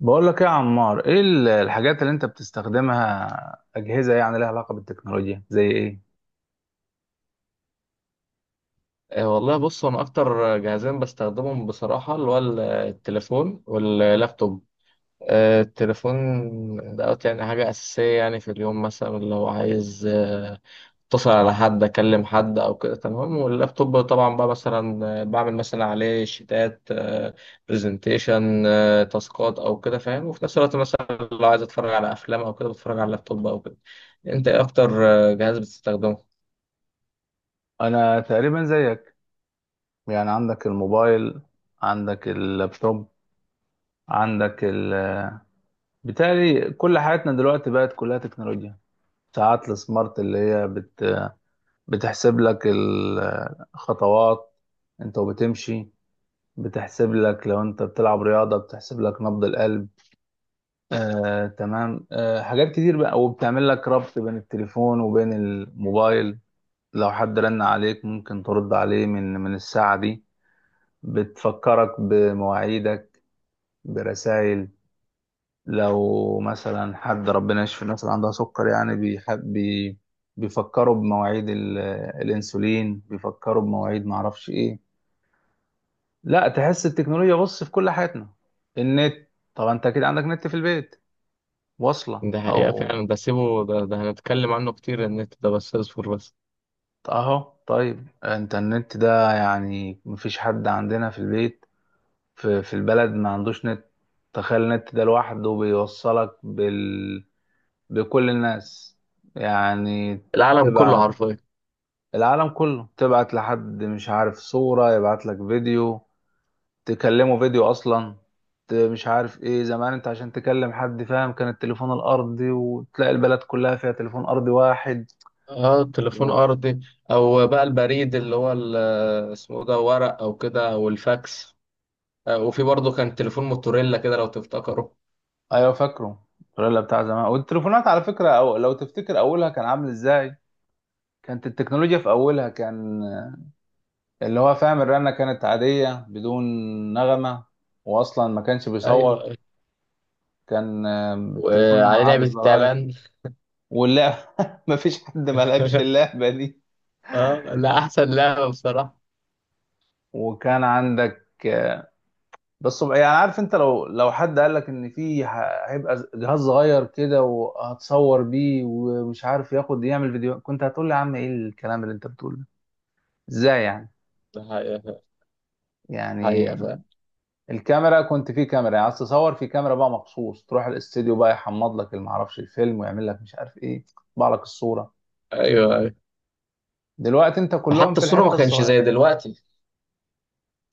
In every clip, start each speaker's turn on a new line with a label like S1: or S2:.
S1: بقول لك ايه يا عمار، ايه الحاجات اللي انت بتستخدمها اجهزه يعني لها علاقه بالتكنولوجيا زي ايه؟
S2: والله بص انا اكتر جهازين بستخدمهم بصراحه اللي هو التليفون واللابتوب. التليفون دوت يعني حاجه اساسيه، يعني في اليوم مثلا لو عايز اتصل على حد، اكلم حد او كده. تمام، واللابتوب طبعا بقى مثلا بعمل مثلا عليه شيتات، برزنتيشن، تاسكات او كده، فاهم؟ وفي نفس الوقت مثلا لو عايز اتفرج على افلام او كده بتفرج على اللابتوب او كده. انت ايه اكتر جهاز بتستخدمه؟
S1: انا تقريبا زيك، يعني عندك الموبايل، عندك اللابتوب، عندك ال بالتالي كل حياتنا دلوقتي بقت كلها تكنولوجيا. ساعات السمارت اللي هي بتحسب لك الخطوات انت وبتمشي، بتحسب لك لو انت بتلعب رياضه، بتحسب لك نبض القلب. تمام. حاجات كتير بقى، وبتعمل لك ربط بين التليفون وبين الموبايل. لو حد رن عليك ممكن ترد عليه من الساعة دي، بتفكرك بمواعيدك برسائل. لو مثلا حد، ربنا يشفي الناس اللي عندها سكر، يعني بيحب بي بيفكروا بمواعيد الانسولين، بيفكروا بمواعيد معرفش ايه. لا، تحس التكنولوجيا، بص، في كل حياتنا. النت، طبعا انت اكيد عندك نت في البيت واصلة
S2: ده حقيقة
S1: او
S2: فعلا، ده سيبه ده، هنتكلم عنه كتير. النت ده بس اصبر بس.
S1: اهو. طيب انترنت ده يعني مفيش حد عندنا في البيت، في البلد ما عندوش نت. تخيل النت ده لوحده بيوصلك بكل الناس، يعني
S2: العالم كله
S1: تبعت
S2: حرفيا.
S1: العالم كله، تبعت لحد مش عارف صورة، يبعت لك فيديو، تكلمه فيديو اصلا. مش عارف ايه زمان، انت عشان تكلم حد فاهم كان التليفون الارضي، وتلاقي البلد كلها فيها تليفون ارضي واحد
S2: اه، تليفون
S1: و...
S2: ارضي. او بقى البريد اللي هو اسمه ده، ورق او كده، او الفاكس. وفي برضه كان تليفون موتوريلا كده لو تفتكروا.
S1: ايوه فاكره الفريلا بتاع زمان، والتليفونات على فكره أو لو تفتكر اولها كان عامل ازاي، كانت التكنولوجيا في اولها كان اللي هو فاهم الرنه كانت عاديه بدون نغمه، واصلا ما كانش
S2: ايوه،
S1: بيصور.
S2: أيوة.
S1: كان التليفون اللي هو
S2: وعلى
S1: عادي
S2: لعبة
S1: بزراير،
S2: التعبان.
S1: واللعب ما فيش حد ما لعبش اللعبه دي.
S2: اه لا، احسن لعبة بصراحة.
S1: وكان عندك بس يعني عارف انت، لو حد قال لك ان في هيبقى جهاز صغير كده وهتصور بيه ومش عارف ياخد يعمل فيديو، كنت هتقول لي يا عم ايه الكلام اللي انت بتقوله؟ ازاي يعني
S2: ده حقيقة فعلا.
S1: يعني
S2: حقيقة فعلا.
S1: الكاميرا، كنت في كاميرا، يعني عايز تصور في كاميرا بقى مخصوص تروح الاستديو بقى يحمض لك اللي معرفش الفيلم، ويعمل لك مش عارف ايه، يطبع لك الصورة.
S2: ايوه، ايوه.
S1: دلوقتي انت كلهم
S2: وحتى
S1: في
S2: الصورة
S1: الحتة
S2: ما كانش زي
S1: الصغيرة.
S2: دلوقتي.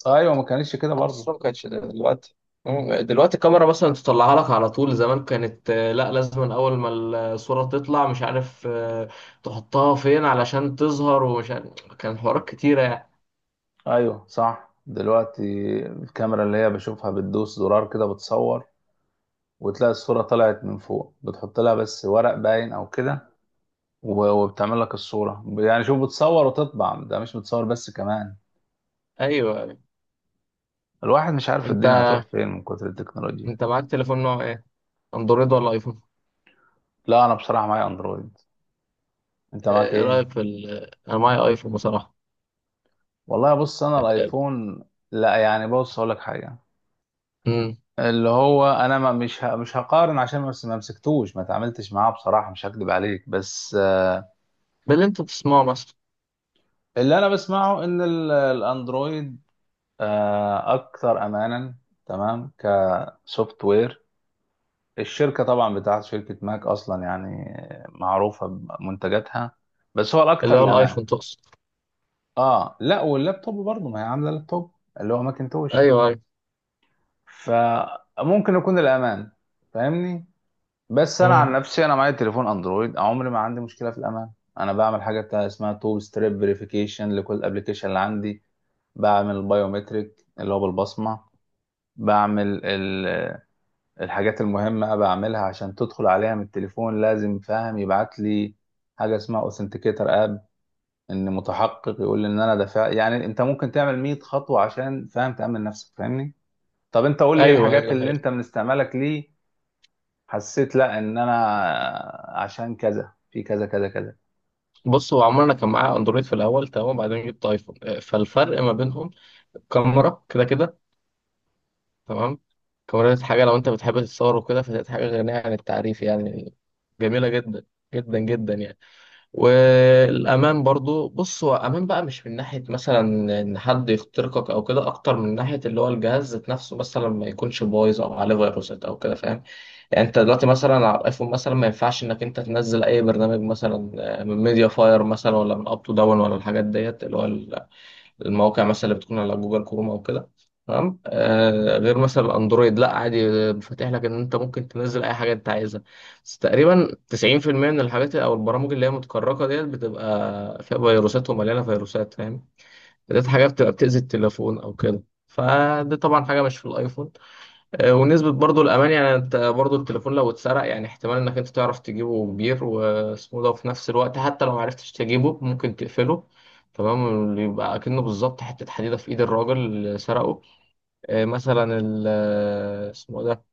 S1: ايوه ما كانتش كده
S2: حتى
S1: برضه.
S2: الصورة ما كانتش دلوقتي. مم. دلوقتي الكاميرا مثلا تطلعها لك على طول. زمان كانت لا، لازم أول ما الصورة تطلع مش عارف تحطها فين علشان تظهر، ومش عارف، كان حوارات كتيرة يعني.
S1: ايوه صح. دلوقتي الكاميرا اللي هي بشوفها بتدوس زرار كده بتصور، وتلاقي الصورة طلعت من فوق بتحط لها بس ورق باين او كده، و- وبتعمل لك الصورة يعني، شوف، بتصور وتطبع، ده مش بتصور بس، كمان
S2: أيوه.
S1: الواحد مش عارف الدنيا
S2: أنت
S1: هتروح فين من كتر التكنولوجيا.
S2: أنت معاك تليفون نوع إيه؟ أندرويد ولا أيفون؟
S1: لا، انا بصراحه معايا اندرويد. انت
S2: آه،
S1: معاك
S2: إيه
S1: ايه؟
S2: رأيك في أنا معايا أيفون بصراحة.
S1: والله بص، انا الايفون، لا يعني بص اقول لك حاجه،
S2: امم.
S1: اللي هو انا ما مش ه... مش هقارن، عشان ما مسكتوش، ما تعاملتش معاه بصراحه، مش هكدب عليك، بس
S2: باللي أنت بتسمعه مثلا.
S1: اللي انا بسمعه ان الاندرويد اكثر امانا. تمام كسوفت وير، الشركه طبعا بتاعت شركه ماك اصلا يعني معروفه بمنتجاتها، بس هو
S2: اللي
S1: الاكثر
S2: هو
S1: الامان.
S2: الأيفون تقصد.
S1: اه لا، واللابتوب برضه، ما هي عامله لابتوب اللي هو ماكنتوش،
S2: أيوه، أيوه.
S1: فممكن يكون الامان، فاهمني. بس انا عن
S2: امم.
S1: نفسي، انا معايا تليفون اندرويد عمري ما عندي مشكله في الامان. انا بعمل حاجه بتاع اسمها تو ستريب فيريفيكيشن لكل الابلكيشن اللي عندي، بعمل البايومتريك اللي هو بالبصمه، بعمل الحاجات المهمه بعملها عشان تدخل عليها من التليفون لازم فاهم يبعت لي حاجه اسمها اوثنتيكيتر اب، ان متحقق يقول لي ان انا دافع. يعني انت ممكن تعمل 100 خطوه عشان فاهم تامن نفسك، فاهمني. طب انت قول لي، ايه
S2: أيوه، أيوه،
S1: الحاجات
S2: ده
S1: اللي
S2: حقيقي.
S1: انت من استعمالك ليه حسيت لا ان انا عشان كذا في كذا كذا كذا.
S2: بص، هو عمرنا كان معايا أندرويد في الأول، تمام، وبعدين جبت أيفون. فالفرق ما بينهم كاميرا، كده كده، تمام. كاميرا ديت حاجة لو أنت بتحب تتصور وكده، فديت حاجة غنية عن التعريف يعني، جميلة جدا، جدا جدا يعني. والأمان برضو، بص، هو أمان بقى مش من ناحية مثلا إن حد يخترقك أو كده، أكتر من ناحية اللي هو الجهاز ذات نفسه مثلا ما يكونش بايظ أو عليه فيروسات أو كده، فاهم؟ يعني أنت دلوقتي مثلا على الأيفون مثلا ما ينفعش إنك أنت تنزل أي برنامج مثلا من ميديا فاير مثلا، ولا من أب تو داون، ولا الحاجات ديت اللي هو المواقع مثلا اللي بتكون على جوجل كروم او كده. تمام، آه، غير مثلا الاندرويد لا، عادي، فاتح لك ان انت ممكن تنزل اي حاجه انت عايزها. بس تقريبا 90% من الحاجات او البرامج اللي هي متكركه ديت بتبقى فيها فيروسات ومليانه فيروسات، فاهم؟ ديت حاجه بتبقى بتاذي التليفون او كده، فدي طبعا حاجه مش في الايفون. ونسبة برضو الأمان، يعني أنت برضو التليفون لو اتسرق، يعني احتمال إنك أنت تعرف تجيبه كبير واسمه ده، وفي نفس الوقت حتى لو معرفتش تجيبه ممكن تقفله، تمام، يبقى أكنه بالظبط حتة حديدة في إيد الراجل اللي سرقه. آه، مثلا ال- آه، اسمه ده.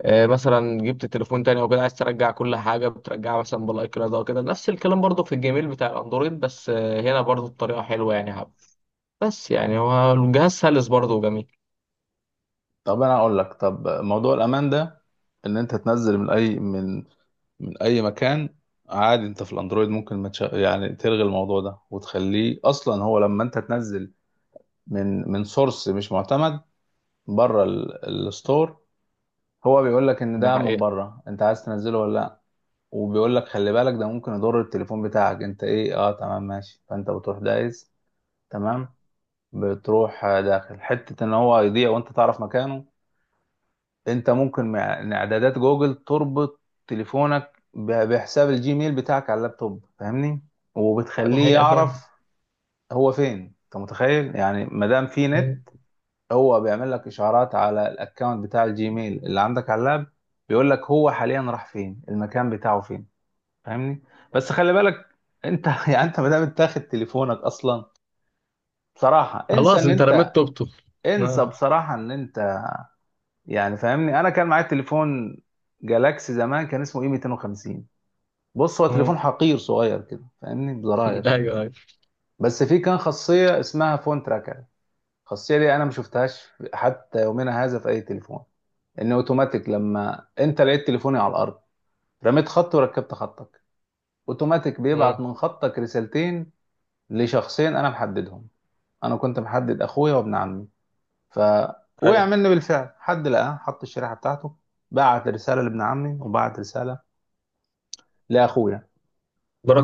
S2: مثلا جبت تليفون تاني أو كده، عايز ترجع كل حاجة بترجعها مثلا بالأي كلاود أو كده، نفس الكلام برضو في الجيميل بتاع الأندرويد، بس هنا برضو الطريقة حلوة يعني، حب. بس يعني هو الجهاز سلس برضو وجميل.
S1: طب انا اقول لك، طب موضوع الامان ده، ان انت تنزل من اي من اي مكان، عادي انت في الاندرويد ممكن ما تش... يعني تلغي الموضوع ده وتخليه. اصلا هو لما انت تنزل من سورس مش معتمد، بره الستور، هو بيقول لك ان
S2: ده
S1: ده من
S2: حقيقة.
S1: بره انت عايز تنزله ولا لا، وبيقول لك خلي بالك ده ممكن يضر التليفون بتاعك، انت ايه، اه تمام ماشي، فانت بتروح دايس تمام، بتروح داخل حتة ان هو يضيع وانت تعرف مكانه. انت ممكن مع إن اعدادات جوجل تربط تليفونك ب- بحساب الجيميل بتاعك على اللابتوب، فاهمني،
S2: ده
S1: وبتخليه
S2: حقيقة،
S1: يعرف هو فين. انت متخيل؟ يعني ما دام في نت،
S2: فاهم.
S1: هو بيعمل لك اشعارات على الاكونت بتاع الجيميل اللي عندك على اللاب، بيقول لك هو حاليا راح فين، المكان بتاعه فين، فاهمني. بس خلي بالك، انت يعني انت، ما دام انت تاخد تليفونك اصلا، بصراحة انسى
S2: خلاص
S1: ان
S2: انت رميت
S1: انت،
S2: توبته.
S1: انسى
S2: اه،
S1: بصراحة ان انت، يعني فاهمني. انا كان معايا تليفون جالاكسي زمان، كان اسمه اي 250، بص هو
S2: اه.
S1: تليفون حقير صغير كده فاهمني، بزراير.
S2: ايوه، ايوه.
S1: بس فيه كان خاصيه اسمها فون تراكر، الخاصيه دي انا ما شفتهاش حتى يومنا هذا في اي تليفون. ان اوتوماتيك لما انت لقيت تليفوني على الارض، رميت خط وركبت خطك، اوتوماتيك
S2: اه،
S1: بيبعت من خطك رسالتين لشخصين انا محددهم. انا كنت محدد اخويا وابن عمي. فوقع
S2: ايوه.
S1: مني بالفعل، حد لقاه، حط الشريحه بتاعته، بعت رساله لابن عمي وبعت رساله لاخويا.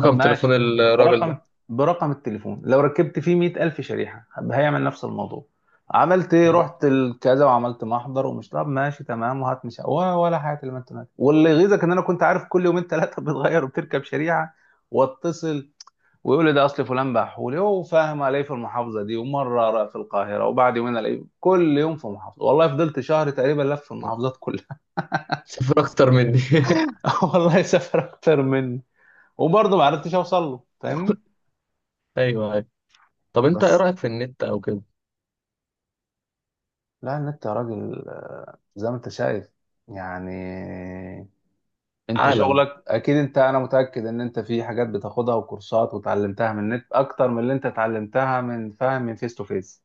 S1: طب
S2: تليفون
S1: ماشي،
S2: الراجل
S1: برقم
S2: ده.
S1: برقم التليفون لو ركبت فيه 100000 شريحة هيعمل نفس الموضوع. عملت ايه،
S2: اه.
S1: رحت الكذا وعملت محضر ومش، طب ماشي تمام، وهات مش ولا ولا حاجة اللي ما انت، واللي يغيظك ان انا كنت عارف كل يومين ثلاثة بتغير وبتركب شريحة. واتصل، ويقول لي ده اصل فلان بحولي هو فاهم، الاقيه في المحافظة دي ومرة ألاقيه في القاهرة، وبعد يومين الاقيه كل يوم في محافظة، والله فضلت شهر تقريبا لف في المحافظات كلها.
S2: صفر اكتر مني.
S1: والله سافر اكتر مني، وبرضه ما عرفتش اوصل له فاهمني.
S2: ايوه، ايوه. طب انت ايه
S1: بس.
S2: رايك في النت او كده؟
S1: لا النت يا راجل، زي ما انت شايف يعني، انت
S2: عالم.
S1: شغلك اكيد، انت انا متأكد ان انت في حاجات بتاخدها وكورسات وتعلمتها من النت اكتر من اللي انت اتعلمتها من فاهم من فيس تو فيس.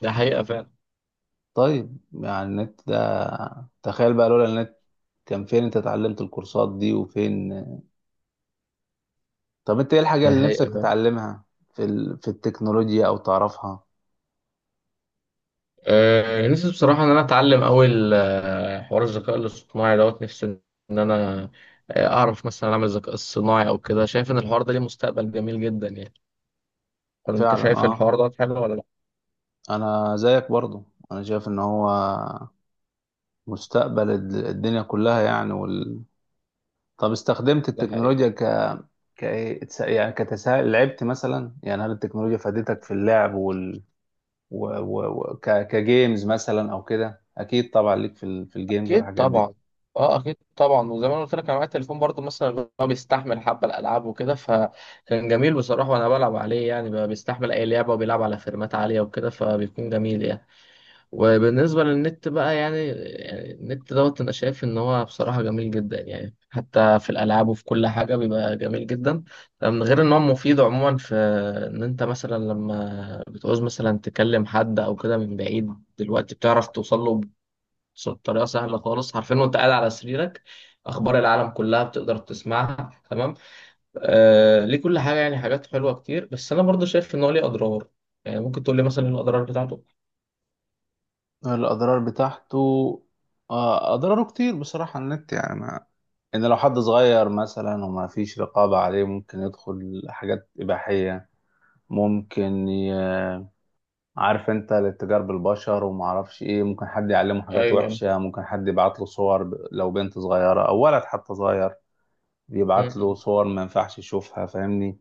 S2: ده حقيقه فعلا.
S1: طيب يعني النت ده، تخيل بقى لولا النت، كان فين انت اتعلمت الكورسات دي وفين؟ طب انت ايه الحاجة
S2: ده
S1: اللي نفسك
S2: حقيقه فعلا.
S1: تتعلمها في التكنولوجيا او تعرفها؟
S2: أه، نفسي بصراحه ان انا اتعلم اول حوار الذكاء الاصطناعي دوت. نفسي ان انا اعرف مثلا اعمل ذكاء اصطناعي او كده. شايف ان الحوار ده ليه مستقبل جميل جدا يعني. طب انت
S1: فعلا
S2: شايف
S1: اه.
S2: الحوار ده حلو ولا لا؟
S1: انا زيك برضو، انا شايف ان هو مستقبل الدنيا كلها يعني. طب استخدمت
S2: ده
S1: التكنولوجيا
S2: حقيقه.
S1: ك... يعني كتسهيل، لعبت مثلا، يعني هل التكنولوجيا فادتك في اللعب وال... و... و... و... ك... كجيمز مثلا او كده؟ اكيد طبعا ليك في الجيمز
S2: اكيد
S1: والحاجات دي.
S2: طبعا. اه اكيد طبعا، وزي ما انا قلت لك انا معايا التليفون برضو مثلا اللي هو بيستحمل حبه الالعاب وكده، فكان جميل بصراحه، وانا بلعب عليه يعني بقى بيستحمل اي لعبه وبيلعب على فريمات عاليه وكده، فبيكون جميل يعني. وبالنسبه للنت بقى، يعني، النت دوت انا شايف ان هو بصراحه جميل جدا يعني، حتى في الالعاب وفي كل حاجه بيبقى جميل جدا، من غير ان هو مفيد عموما في ان انت مثلا لما بتعوز مثلا تكلم حد او كده من بعيد دلوقتي بتعرف توصل له بطريقه سهله خالص، عارفين، وانت قاعد على سريرك اخبار العالم كلها بتقدر تسمعها، تمام، آه، ليه كل حاجه يعني، حاجات حلوه كتير. بس انا برضه شايف ان هو ليه اضرار، يعني ممكن تقول لي مثلا ايه الاضرار بتاعته.
S1: الاضرار بتاعته، اضراره كتير بصراحة. النت يعني ما... ان لو حد صغير مثلا وما فيش رقابة عليه ممكن يدخل حاجات اباحية، ممكن ي... عارف انت الاتجار بالبشر وما اعرفش ايه، ممكن حد يعلمه
S2: ايوه،
S1: حاجات
S2: أيوة.
S1: وحشة، ممكن حد يبعت له صور لو بنت صغيرة او ولد حتى صغير،
S2: م-
S1: يبعت له
S2: م-
S1: صور ما ينفعش يشوفها فاهمني.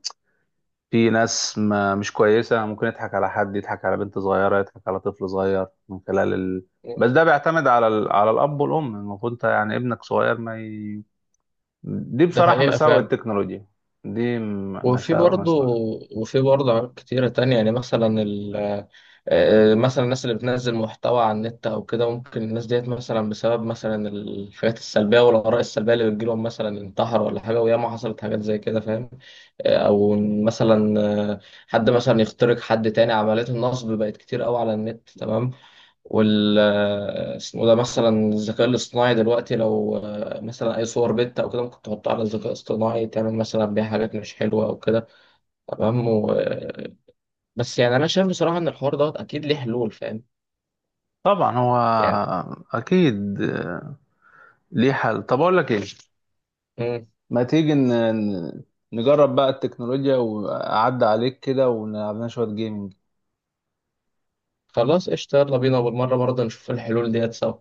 S1: في ناس ما مش كويسة، ممكن يضحك على حد، يضحك على بنت صغيرة، يضحك على طفل صغير من خلال
S2: م.
S1: بس ده بيعتمد على على الاب والام، المفروض انت يعني ابنك صغير ما ي... دي
S2: ده
S1: بصراحة
S2: حقيقه
S1: مساوئ
S2: فعلا.
S1: التكنولوجيا،
S2: وفي
S1: مساوئ
S2: برضه
S1: مساوئ.
S2: وفي برضه عوامل كتيرة تانية يعني، مثلا مثلا الناس اللي بتنزل محتوى على النت أو كده، ممكن الناس ديت مثلا بسبب مثلا الحاجات السلبية والآراء السلبية اللي بتجيلهم مثلا انتحر ولا حاجة، وياما حصلت حاجات زي كده، فاهم. آه، أو مثلا آه، حد مثلا يخترق حد تاني. عمليات النصب بقت كتير قوي على النت، تمام. وال اسمه ده، مثلا الذكاء الاصطناعي دلوقتي لو مثلا أي صور بنت أو كده ممكن تحطها على الذكاء الاصطناعي تعمل مثلا بيها حاجات مش حلوة أو كده، تمام، بس يعني انا شايف بصراحه ان الحوار دوت اكيد ليه حلول، فاهم
S1: طبعا هو
S2: يعني.
S1: اكيد ليه حل. طب اقول لك ايه،
S2: مم.
S1: ما تيجي ن- نجرب بقى التكنولوجيا وأعدي عليك كده ونلعب لنا شوية جيمنج.
S2: خلاص قشطه، يلا بينا، وبالمره برضه نشوف الحلول ديت سوا.